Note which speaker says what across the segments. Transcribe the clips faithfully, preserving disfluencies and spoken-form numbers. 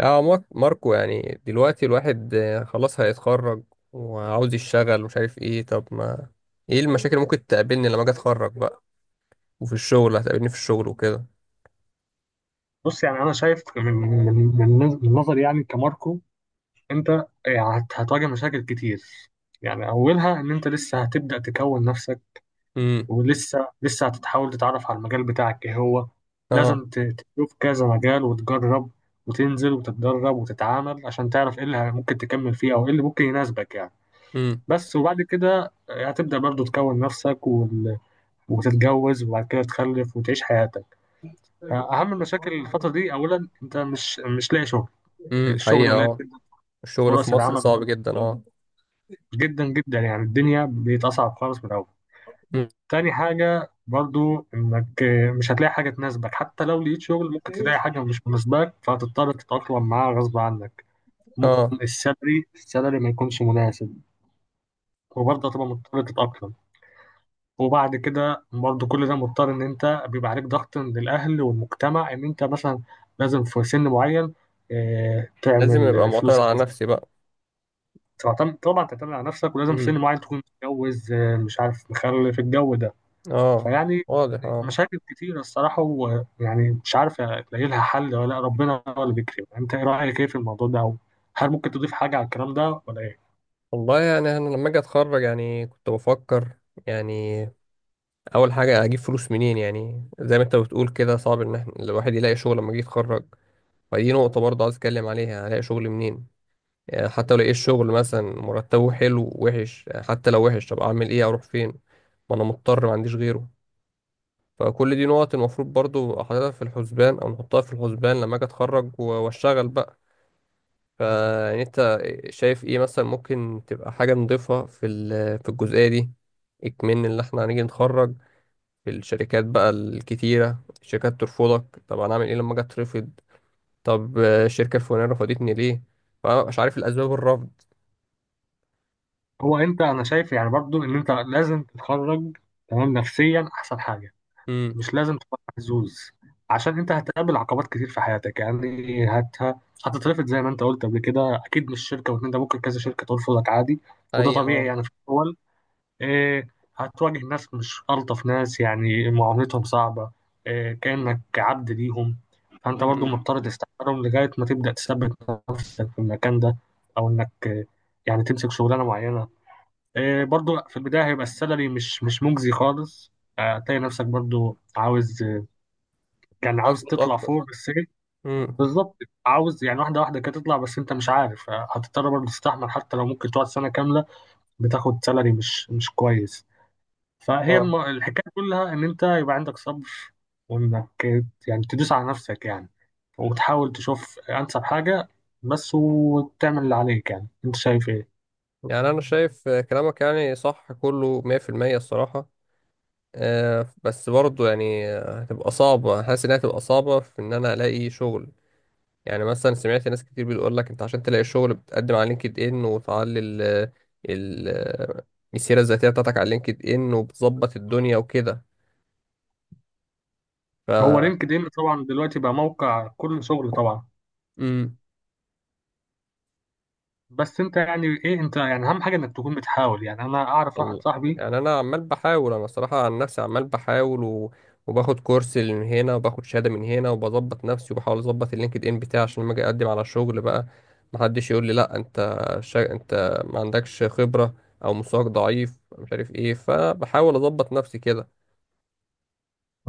Speaker 1: اه مار- ماركو يعني دلوقتي الواحد آه، خلاص هيتخرج وعاوز يشتغل ومش عارف ايه. طب ما ايه المشاكل اللي ممكن تقابلني لما اجي اتخرج بقى وفي الشغل، هتقابلني في الشغل وكده.
Speaker 2: بص، يعني انا شايف من من من من نظري، يعني كماركو انت آه، هت- هتواجه مشاكل كتير. يعني اولها ان انت لسه هتبدا تكون نفسك،
Speaker 1: امم.
Speaker 2: ولسه لسه هتتحاول تتعرف على المجال بتاعك ايه هو.
Speaker 1: اه.
Speaker 2: لازم ت- تشوف كذا مجال وتجرب وتنزل وتتدرب وتتعامل عشان تعرف ايه اللي ممكن تكمل فيه او ايه اللي ممكن يناسبك يعني.
Speaker 1: امم.
Speaker 2: بس وبعد كده آه، هتبدا برضو تكون نفسك وال- وتتجوز وبعد كده تخلف وتعيش حياتك. اهم المشاكل الفتره دي، اولا انت مش مش لاقي شغل،
Speaker 1: امم
Speaker 2: الشغل
Speaker 1: حقيقة،
Speaker 2: قليل
Speaker 1: اه.
Speaker 2: جدا،
Speaker 1: الشغل في
Speaker 2: فرص
Speaker 1: مصر
Speaker 2: العمل
Speaker 1: صعب
Speaker 2: قليلة
Speaker 1: جدا، اه.
Speaker 2: جدا جدا. يعني الدنيا بقت أصعب خالص من الأول. تاني حاجة برضو إنك مش هتلاقي حاجة تناسبك، حتى لو لقيت شغل ممكن تلاقي حاجة مش مناسباك فهتضطر تتأقلم معاها غصب عنك. ممكن
Speaker 1: اه،
Speaker 2: السالري السالري ما يكونش مناسب وبرضه هتبقى مضطر تتأقلم. وبعد كده برضه كل ده مضطر إن أنت بيبقى عليك ضغط من الأهل والمجتمع إن أنت مثلا لازم في سن معين آه،
Speaker 1: لازم ابقى
Speaker 2: تعمل فلوس،
Speaker 1: معتمد على نفسي بقى.
Speaker 2: تعتمد طبعا تعتمد على نفسك، ولازم في
Speaker 1: امم.
Speaker 2: سن معين تكون متجوز، آه، مش عارف مخلف، الجو ده.
Speaker 1: اه.
Speaker 2: فيعني
Speaker 1: واضح، اه.
Speaker 2: مشاكل كتيرة الصراحة، ويعني مش عارف ألاقي لها حل ولا لأ، ربنا هو اللي بيكرم. أنت إيه رأيك إيه في الموضوع ده، أو هل ممكن تضيف حاجة على الكلام ده ولا إيه؟
Speaker 1: والله يعني انا لما اجي اتخرج يعني كنت بفكر يعني اول حاجة اجيب فلوس منين. يعني زي ما انت بتقول كده، صعب ان احنا الواحد يلاقي شغل لما يجي يتخرج. فدي نقطة برضه عايز أتكلم عليها، يعني هلاقي شغل منين؟ يعني حتى لو لقيت شغل مثلا مرتبه حلو وحش، يعني حتى لو وحش طب أعمل إيه، أروح فين؟ ما أنا مضطر، ما عنديش غيره. فكل دي نقط المفروض برضه أحطها في الحسبان أو نحطها في الحسبان لما أجي أتخرج و- وأشتغل بقى. فيعني أنت شايف إيه مثلا ممكن تبقى حاجة نضيفها في ال- في الجزئية دي. إكمن اللي إحنا هنيجي نتخرج في الشركات بقى الكتيرة، الشركات ترفضك، طب أنا أعمل إيه لما أجي أترفض؟ طب آه، الشركة الفلانية رفضتني ليه؟ فأنا مش عارف الأسباب الرفض.
Speaker 2: هو أنت أنا شايف يعني برضو إن أنت لازم تتخرج تمام نفسيا، أحسن حاجة.
Speaker 1: امم.
Speaker 2: مش لازم تبقى محظوظ، عشان انت هتقابل عقبات كتير في حياتك. يعني هت هتترفض زي ما انت قلت قبل كده، اكيد مش شركه واتنين، ده ممكن كذا شركه ترفضك عادي، وده
Speaker 1: أيوة،
Speaker 2: طبيعي
Speaker 1: اه.
Speaker 2: يعني في الاول. إيه هتواجه ناس مش الطف ناس، يعني معاملتهم صعبه، إيه كانك عبد ليهم، فانت برضو
Speaker 1: امم.
Speaker 2: مضطر تستحملهم لغايه ما تبدا تثبت نفسك في المكان ده، او انك آه، يعني تمسك شغلانه معينه. إيه برضو في البدايه هيبقى السالري مش مش مجزي خالص. آه، هتلاقي نفسك برضو عاوز، كان عاوز
Speaker 1: أظبط
Speaker 2: تطلع
Speaker 1: أكتر.
Speaker 2: فوق السجن
Speaker 1: امم.
Speaker 2: بالظبط، عاوز يعني واحدة واحدة كده تطلع، بس انت مش عارف، هتضطر برضه تستحمل حتى لو ممكن تقعد سنة كاملة بتاخد سالري مش مش كويس. فهي
Speaker 1: اه.
Speaker 2: الم... الحكاية كلها ان انت يبقى عندك صبر، وانك يعني تدوس على نفسك، يعني وتحاول تشوف انسب حاجة بس، وتعمل اللي عليك. يعني انت شايف ايه؟
Speaker 1: يعني أنا شايف آه، كلامك يعني صح كله مية بالمية، الصراحة. آه بس برضه يعني آه، هتبقى صعبة، حاسس إنها هتبقى صعبة في إن أنا ألاقي شغل. يعني مثلا سمعت ناس كتير بتقول لك أنت عشان تلاقي شغل بتقدم على لينكد إن وتعلي ال ال آه، السيرة الذاتية بتاعتك على لينكد إن وبتظبط الدنيا وكده. ف.
Speaker 2: هو لينكد ان طبعا دلوقتي بقى موقع كل شغل طبعا.
Speaker 1: مم.
Speaker 2: بس انت يعني ايه انت يعني اهم حاجة انك تكون بتحاول. يعني انا اعرف واحد
Speaker 1: والله.
Speaker 2: صاحبي،
Speaker 1: يعني انا عمال بحاول، انا صراحة عن نفسي عمال بحاول و... وباخد كورس من هنا وباخد شهادة من هنا وبظبط نفسي وبحاول اظبط اللينكد ان بتاعي عشان لما اجي اقدم على شغل بقى محدش يقول لي لا انت شا... انت ما عندكش خبرة او مستواك ضعيف مش عارف ايه. فبحاول اظبط نفسي كده.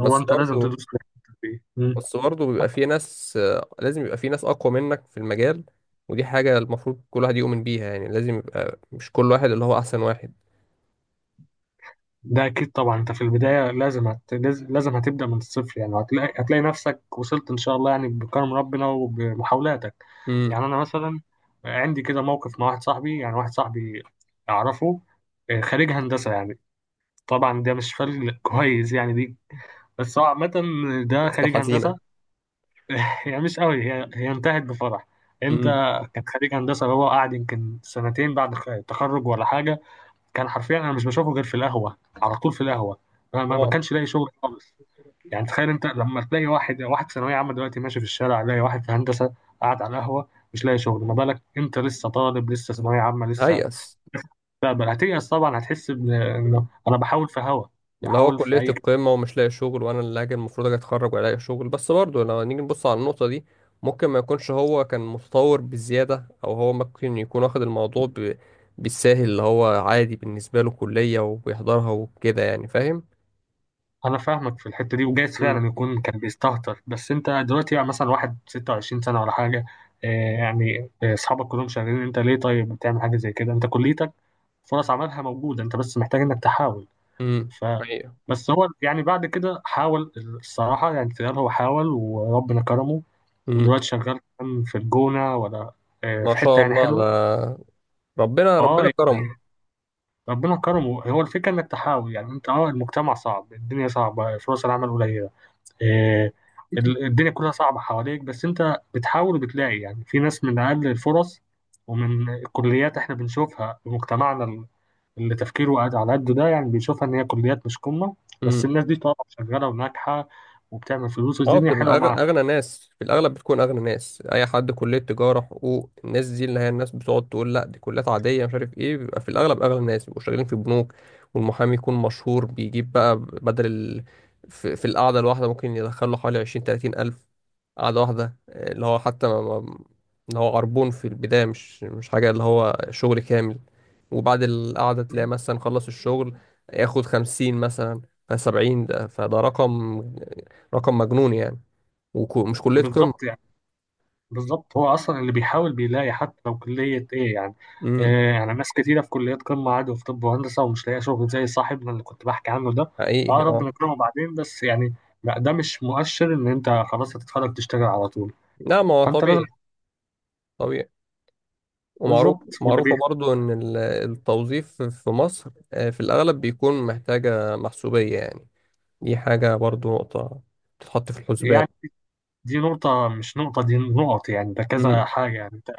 Speaker 2: هو انت لازم
Speaker 1: برضه
Speaker 2: تدوس في الحتة دي. مم.
Speaker 1: بس برضه بيبقى في ناس آه، لازم يبقى في ناس اقوى منك في المجال. ودي حاجة المفروض كل واحد يؤمن بيها، يعني لازم يبقى مش كل واحد اللي هو احسن واحد.
Speaker 2: ده اكيد طبعا، انت في البدايه لازم هت... لاز- لازم هتبدا من الصفر. يعني هتلاقي هتلاقي نفسك وصلت ان شاء الله، يعني بكرم ربنا وبمحاولاتك. يعني
Speaker 1: امم.
Speaker 2: انا مثلا عندي كده موقف مع واحد صاحبي يعني واحد صاحبي اعرفه، آه، خريج هندسه يعني. طبعا ده مش فرق كويس، يعني دي، بس هو عامه ده
Speaker 1: قصة
Speaker 2: خريج
Speaker 1: حزينة.
Speaker 2: هندسه. يعني مش قوي، هي هي انتهت بفرح. انت،
Speaker 1: امم.
Speaker 2: كان خريج هندسه، هو قاعد يمكن سنتين بعد التخرج ولا حاجه. كان حرفيا انا مش بشوفه غير في القهوه، على طول في القهوه. ما, ما ما
Speaker 1: اه،
Speaker 2: كانش لاقي شغل خالص. يعني تخيل انت لما تلاقي واحد واحد ثانويه عامه دلوقتي ماشي في الشارع، لاقي واحد في هندسه قاعد على القهوه مش لاقي شغل. ما بالك انت لسه طالب، لسه ثانويه عامه لسه،
Speaker 1: هيأس.
Speaker 2: تقبل. هتيأس طبعا، هتحس بإن- انه
Speaker 1: مم.
Speaker 2: انا بحاول في هوا،
Speaker 1: اللي هو
Speaker 2: بحاول في
Speaker 1: كلية
Speaker 2: اي
Speaker 1: القمة ومش لاقي شغل، وأنا اللي هاجي المفروض أجي أتخرج وألاقي شغل. بس برضه لو نيجي نبص على النقطة دي، ممكن ما يكونش هو كان متطور بزيادة، أو هو ممكن يكون واخد الموضوع ب... بالساهل، اللي هو عادي بالنسبة له كلية وبيحضرها وكده، يعني فاهم؟
Speaker 2: انا فاهمك في الحته دي، وجايز
Speaker 1: مم.
Speaker 2: فعلا يكون كان بيستهتر. بس انت دلوقتي يعني مثلا واحد ستة وعشرين سنه ولا حاجه، آه، يعني آه، اصحابك كلهم شغالين، انت ليه طيب بتعمل حاجه زي كده؟ انت كليتك فرص عملها موجودة، انت بس محتاج انك تحاول.
Speaker 1: امم
Speaker 2: ف
Speaker 1: حقيقة.
Speaker 2: بس هو يعني بعد كده حاول، الصراحة يعني تيار هو حاول وربنا كرمه،
Speaker 1: امم.
Speaker 2: ودلوقتي شغال كمان في الجونة ولا آه،
Speaker 1: ما
Speaker 2: في حتة
Speaker 1: شاء
Speaker 2: يعني
Speaker 1: الله.
Speaker 2: حلوة.
Speaker 1: ده ربنا،
Speaker 2: اه
Speaker 1: ربنا كرمه.
Speaker 2: يعني ربنا كرمه. هو الفكرة انك تحاول. يعني انت، اه، المجتمع صعب، الدنيا صعبة، فرص العمل قليلة، آه، ال- الدنيا كلها صعبة حواليك، بس انت بتحاول وبتلاقي. يعني في ناس من اقل الفرص ومن الكليات احنا بنشوفها في مجتمعنا اللي تفكيره قاعد على قده ده، يعني بيشوفها ان هي كليات مش قمه، بس
Speaker 1: امم.
Speaker 2: الناس دي طبعا شغاله وناجحه وبتعمل فلوس
Speaker 1: اه،
Speaker 2: والدنيا حلوه
Speaker 1: بتبقى أغ-
Speaker 2: معاها.
Speaker 1: اغنى ناس. في الاغلب بتكون اغنى ناس اي حد كليه تجاره حقوق. الناس دي اللي هي الناس بتقعد تقول لا دي كليات عاديه مش عارف ايه، بيبقى في الاغلب اغنى ناس، بيبقوا شغالين في بنوك. والمحامي يكون مشهور بيجيب بقى بدل ال... في, في القعده الواحده ممكن يدخل له حوالي عشرين تلاتين الف، قعده واحده. آه، اللي هو حتى ما... ما... اللي هو عربون في البدايه، مش مش حاجه اللي هو شغل كامل. وبعد القعده تلاقي مثلا خلص الشغل، ياخد خمسين مثلا. فسبعين، ده فده رقم رقم مجنون يعني. ومش كلية
Speaker 2: بالظبط،
Speaker 1: قمة.
Speaker 2: يعني بالظبط، هو اصلا اللي بيحاول بيلاقي حتى لو كليه ايه يعني.
Speaker 1: امم
Speaker 2: آه، يعني ناس كتيره في كليات قمه عادي، في طب وهندسه، ومش لاقيه شغل زي صاحبنا اللي كنت بحكي عنه ده.
Speaker 1: حقيقي،
Speaker 2: اه ربنا
Speaker 1: اه.
Speaker 2: يكرمه بعدين، بس يعني لا، ده مش مؤشر ان انت خلاص هتتخرج تشتغل على طول.
Speaker 1: لا، ما هو
Speaker 2: فانت
Speaker 1: طبيعي.
Speaker 2: لازم
Speaker 1: طبيعي. ومعروف،
Speaker 2: بالظبط. واللي بي
Speaker 1: معروفة برضو إن ال- التوظيف في مصر آه، في الأغلب بيكون محتاجة محسوبية يعني. دي حاجة برضو نقطة تتحط في الحسبان.
Speaker 2: يعني دي نقطة، مش نقطة دي، نقط يعني، ده كذا
Speaker 1: امم.
Speaker 2: حاجة. يعني انت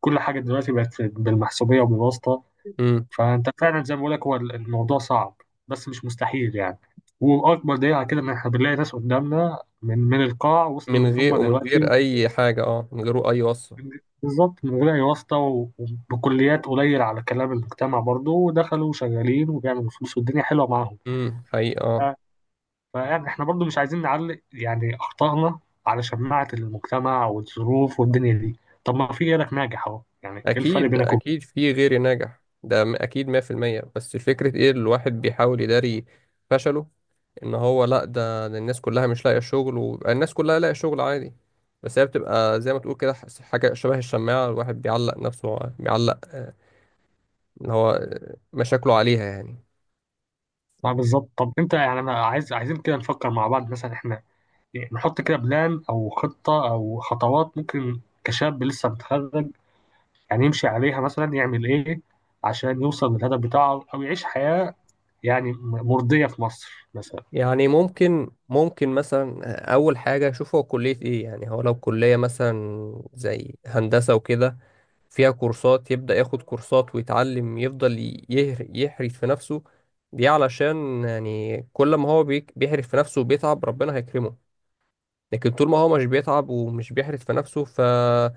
Speaker 2: كل حاجة دلوقتي بقت بالمحسوبية وبالواسطة.
Speaker 1: امم.
Speaker 2: فأنت فعلا زي ما بقولك، هو الموضوع صعب بس مش مستحيل يعني، وأكبر دليل على كده إن إحنا بنلاقي ناس قدامنا من من القاع وصلوا
Speaker 1: من غير
Speaker 2: للقمة
Speaker 1: ومن
Speaker 2: دلوقتي
Speaker 1: غير أي حاجة، اه، من غير أي وصفة.
Speaker 2: بالظبط، من غير أي واسطة، و- وبكليات قليل على كلام المجتمع برضه، ودخلوا شغالين وبيعملوا فلوس والدنيا حلوة معاهم.
Speaker 1: امم حقيقي، اه.
Speaker 2: فيعني احنا برضو مش عايزين نعلق يعني اخطائنا على شماعة المجتمع والظروف والدنيا دي، طب ما في غيرك ناجح اهو، يعني ايه الفرق
Speaker 1: أكيد،
Speaker 2: بينكم؟
Speaker 1: أكيد في غير ناجح ده م- أكيد مية بالمية. بس الفكرة إيه؟ الواحد بيحاول يداري فشله، ان هو لا ده ده الناس كلها مش لاقيه شغل، وبقى الناس كلها لاقيه شغل عادي. بس هي بتبقى زي ما تقول كده ح- حاجه شبه الشماعه، الواحد بيعلق نفسه، بيعلق ان هو مشاكله عليها يعني.
Speaker 2: ما بالظبط. طب انت يعني انا عايز عايزين كده نفكر مع بعض مثلا، احنا يعني نحط كده بلان او خطة او خطوات ممكن كشاب لسه متخرج يعني يمشي عليها، مثلا يعمل ايه عشان يوصل للهدف بتاعه او يعيش حياة يعني مرضية في مصر مثلا.
Speaker 1: يعني ممكن ممكن مثلا اول حاجه اشوف هو كليه ايه. يعني هو لو كليه مثلا زي هندسه وكده فيها كورسات، يبدا ياخد كورسات ويتعلم، يفضل ي- يهر- يحرف في نفسه. دي علشان يعني كل ما هو بيك- بيحرف في نفسه وبيتعب ربنا هيكرمه. لكن طول ما هو مش بيتعب ومش بيحرف في نفسه ف آه،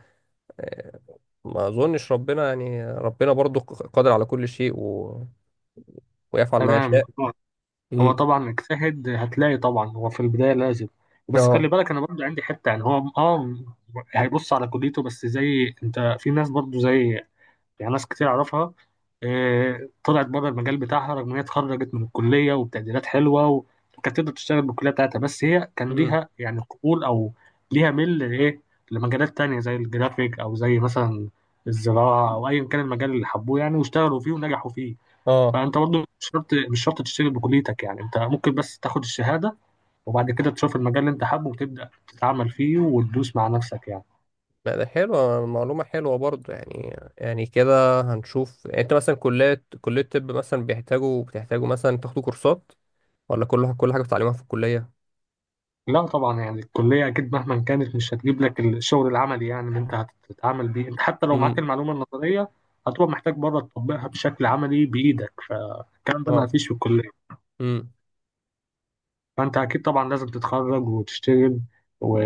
Speaker 1: ما اظنش. ربنا يعني ربنا برضو قادر على كل شيء و... ويفعل ما
Speaker 2: تمام.
Speaker 1: يشاء.
Speaker 2: هو
Speaker 1: امم.
Speaker 2: طبعا اجتهد هتلاقي طبعا، هو في البداية لازم، بس خلي
Speaker 1: اه.
Speaker 2: بالك انا برضه عندي حتة يعني. هو اه هيبص على كليته، بس زي انت في ناس برضه زي، يعني ناس كتير اعرفها، آه، طلعت بره المجال بتاعها رغم ان هي اتخرجت من الكلية وبتقديرات حلوة و- وكانت تقدر تشتغل بالكلية بتاعتها، بس هي كان
Speaker 1: امم.
Speaker 2: ليها يعني قبول او ليها ميل لايه، لمجالات تانية زي الجرافيك، او زي مثلا الزراعة، او ايا كان المجال اللي حبوه يعني، واشتغلوا فيه ونجحوا فيه.
Speaker 1: اه.
Speaker 2: فانت برضو مش شرط مش شرط تشتغل بكليتك، يعني انت ممكن بس تاخد الشهاده، وبعد كده تشوف المجال اللي انت حابه وتبدا تتعامل فيه وتدوس مع نفسك يعني.
Speaker 1: لا، ده حلوة، معلومة حلوة برضو، يعني يعني كده هنشوف. يعني انت مثلا كلية كلية طب مثلا بيحتاجوا بتحتاجوا مثلا تاخدوا كورسات، ولا كل كل حاجة بتتعلموها في الكلية؟
Speaker 2: لا طبعا، يعني الكليه اكيد مهما كانت مش هتجيب لك الشغل العملي يعني اللي انت هتتعامل بيه. انت حتى لو معاك
Speaker 1: امم.
Speaker 2: المعلومه النظريه، هتبقى محتاج بره تطبقها بشكل عملي بايدك، فالكلام ده ما
Speaker 1: اه.
Speaker 2: فيش في الكليه.
Speaker 1: امم.
Speaker 2: فانت اكيد طبعا لازم تتخرج وتشتغل، و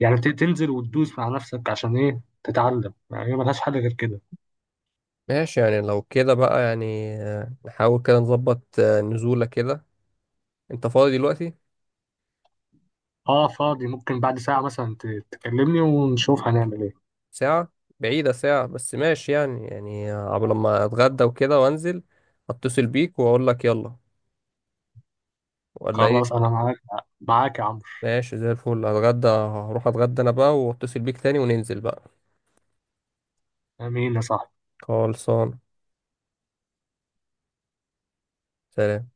Speaker 2: يعني ت- تنزل وتدوس مع نفسك، عشان ايه؟ تتعلم، يعني هي ملهاش حل غير كده.
Speaker 1: ماشي. يعني لو كده بقى يعني آه، نحاول كده نظبط آه، نزولة كده. انت فاضي دلوقتي؟
Speaker 2: اه، فاضي. ممكن بعد ساعة مثلا ت- تكلمني ونشوف هنعمل ايه.
Speaker 1: ساعة؟ بعيدة ساعة، بس ماشي. يعني يعني عبر لما اتغدى وكده وانزل اتصل بيك واقول لك يلا، ولا
Speaker 2: خلاص،
Speaker 1: ايه؟
Speaker 2: انا معاك، معاك يا عمرو.
Speaker 1: ماشي زي الفل. هتغدى، هروح اتغدى انا بقى واتصل بيك تاني وننزل بقى.
Speaker 2: امين يا صاحبي.
Speaker 1: خلصان. سلام.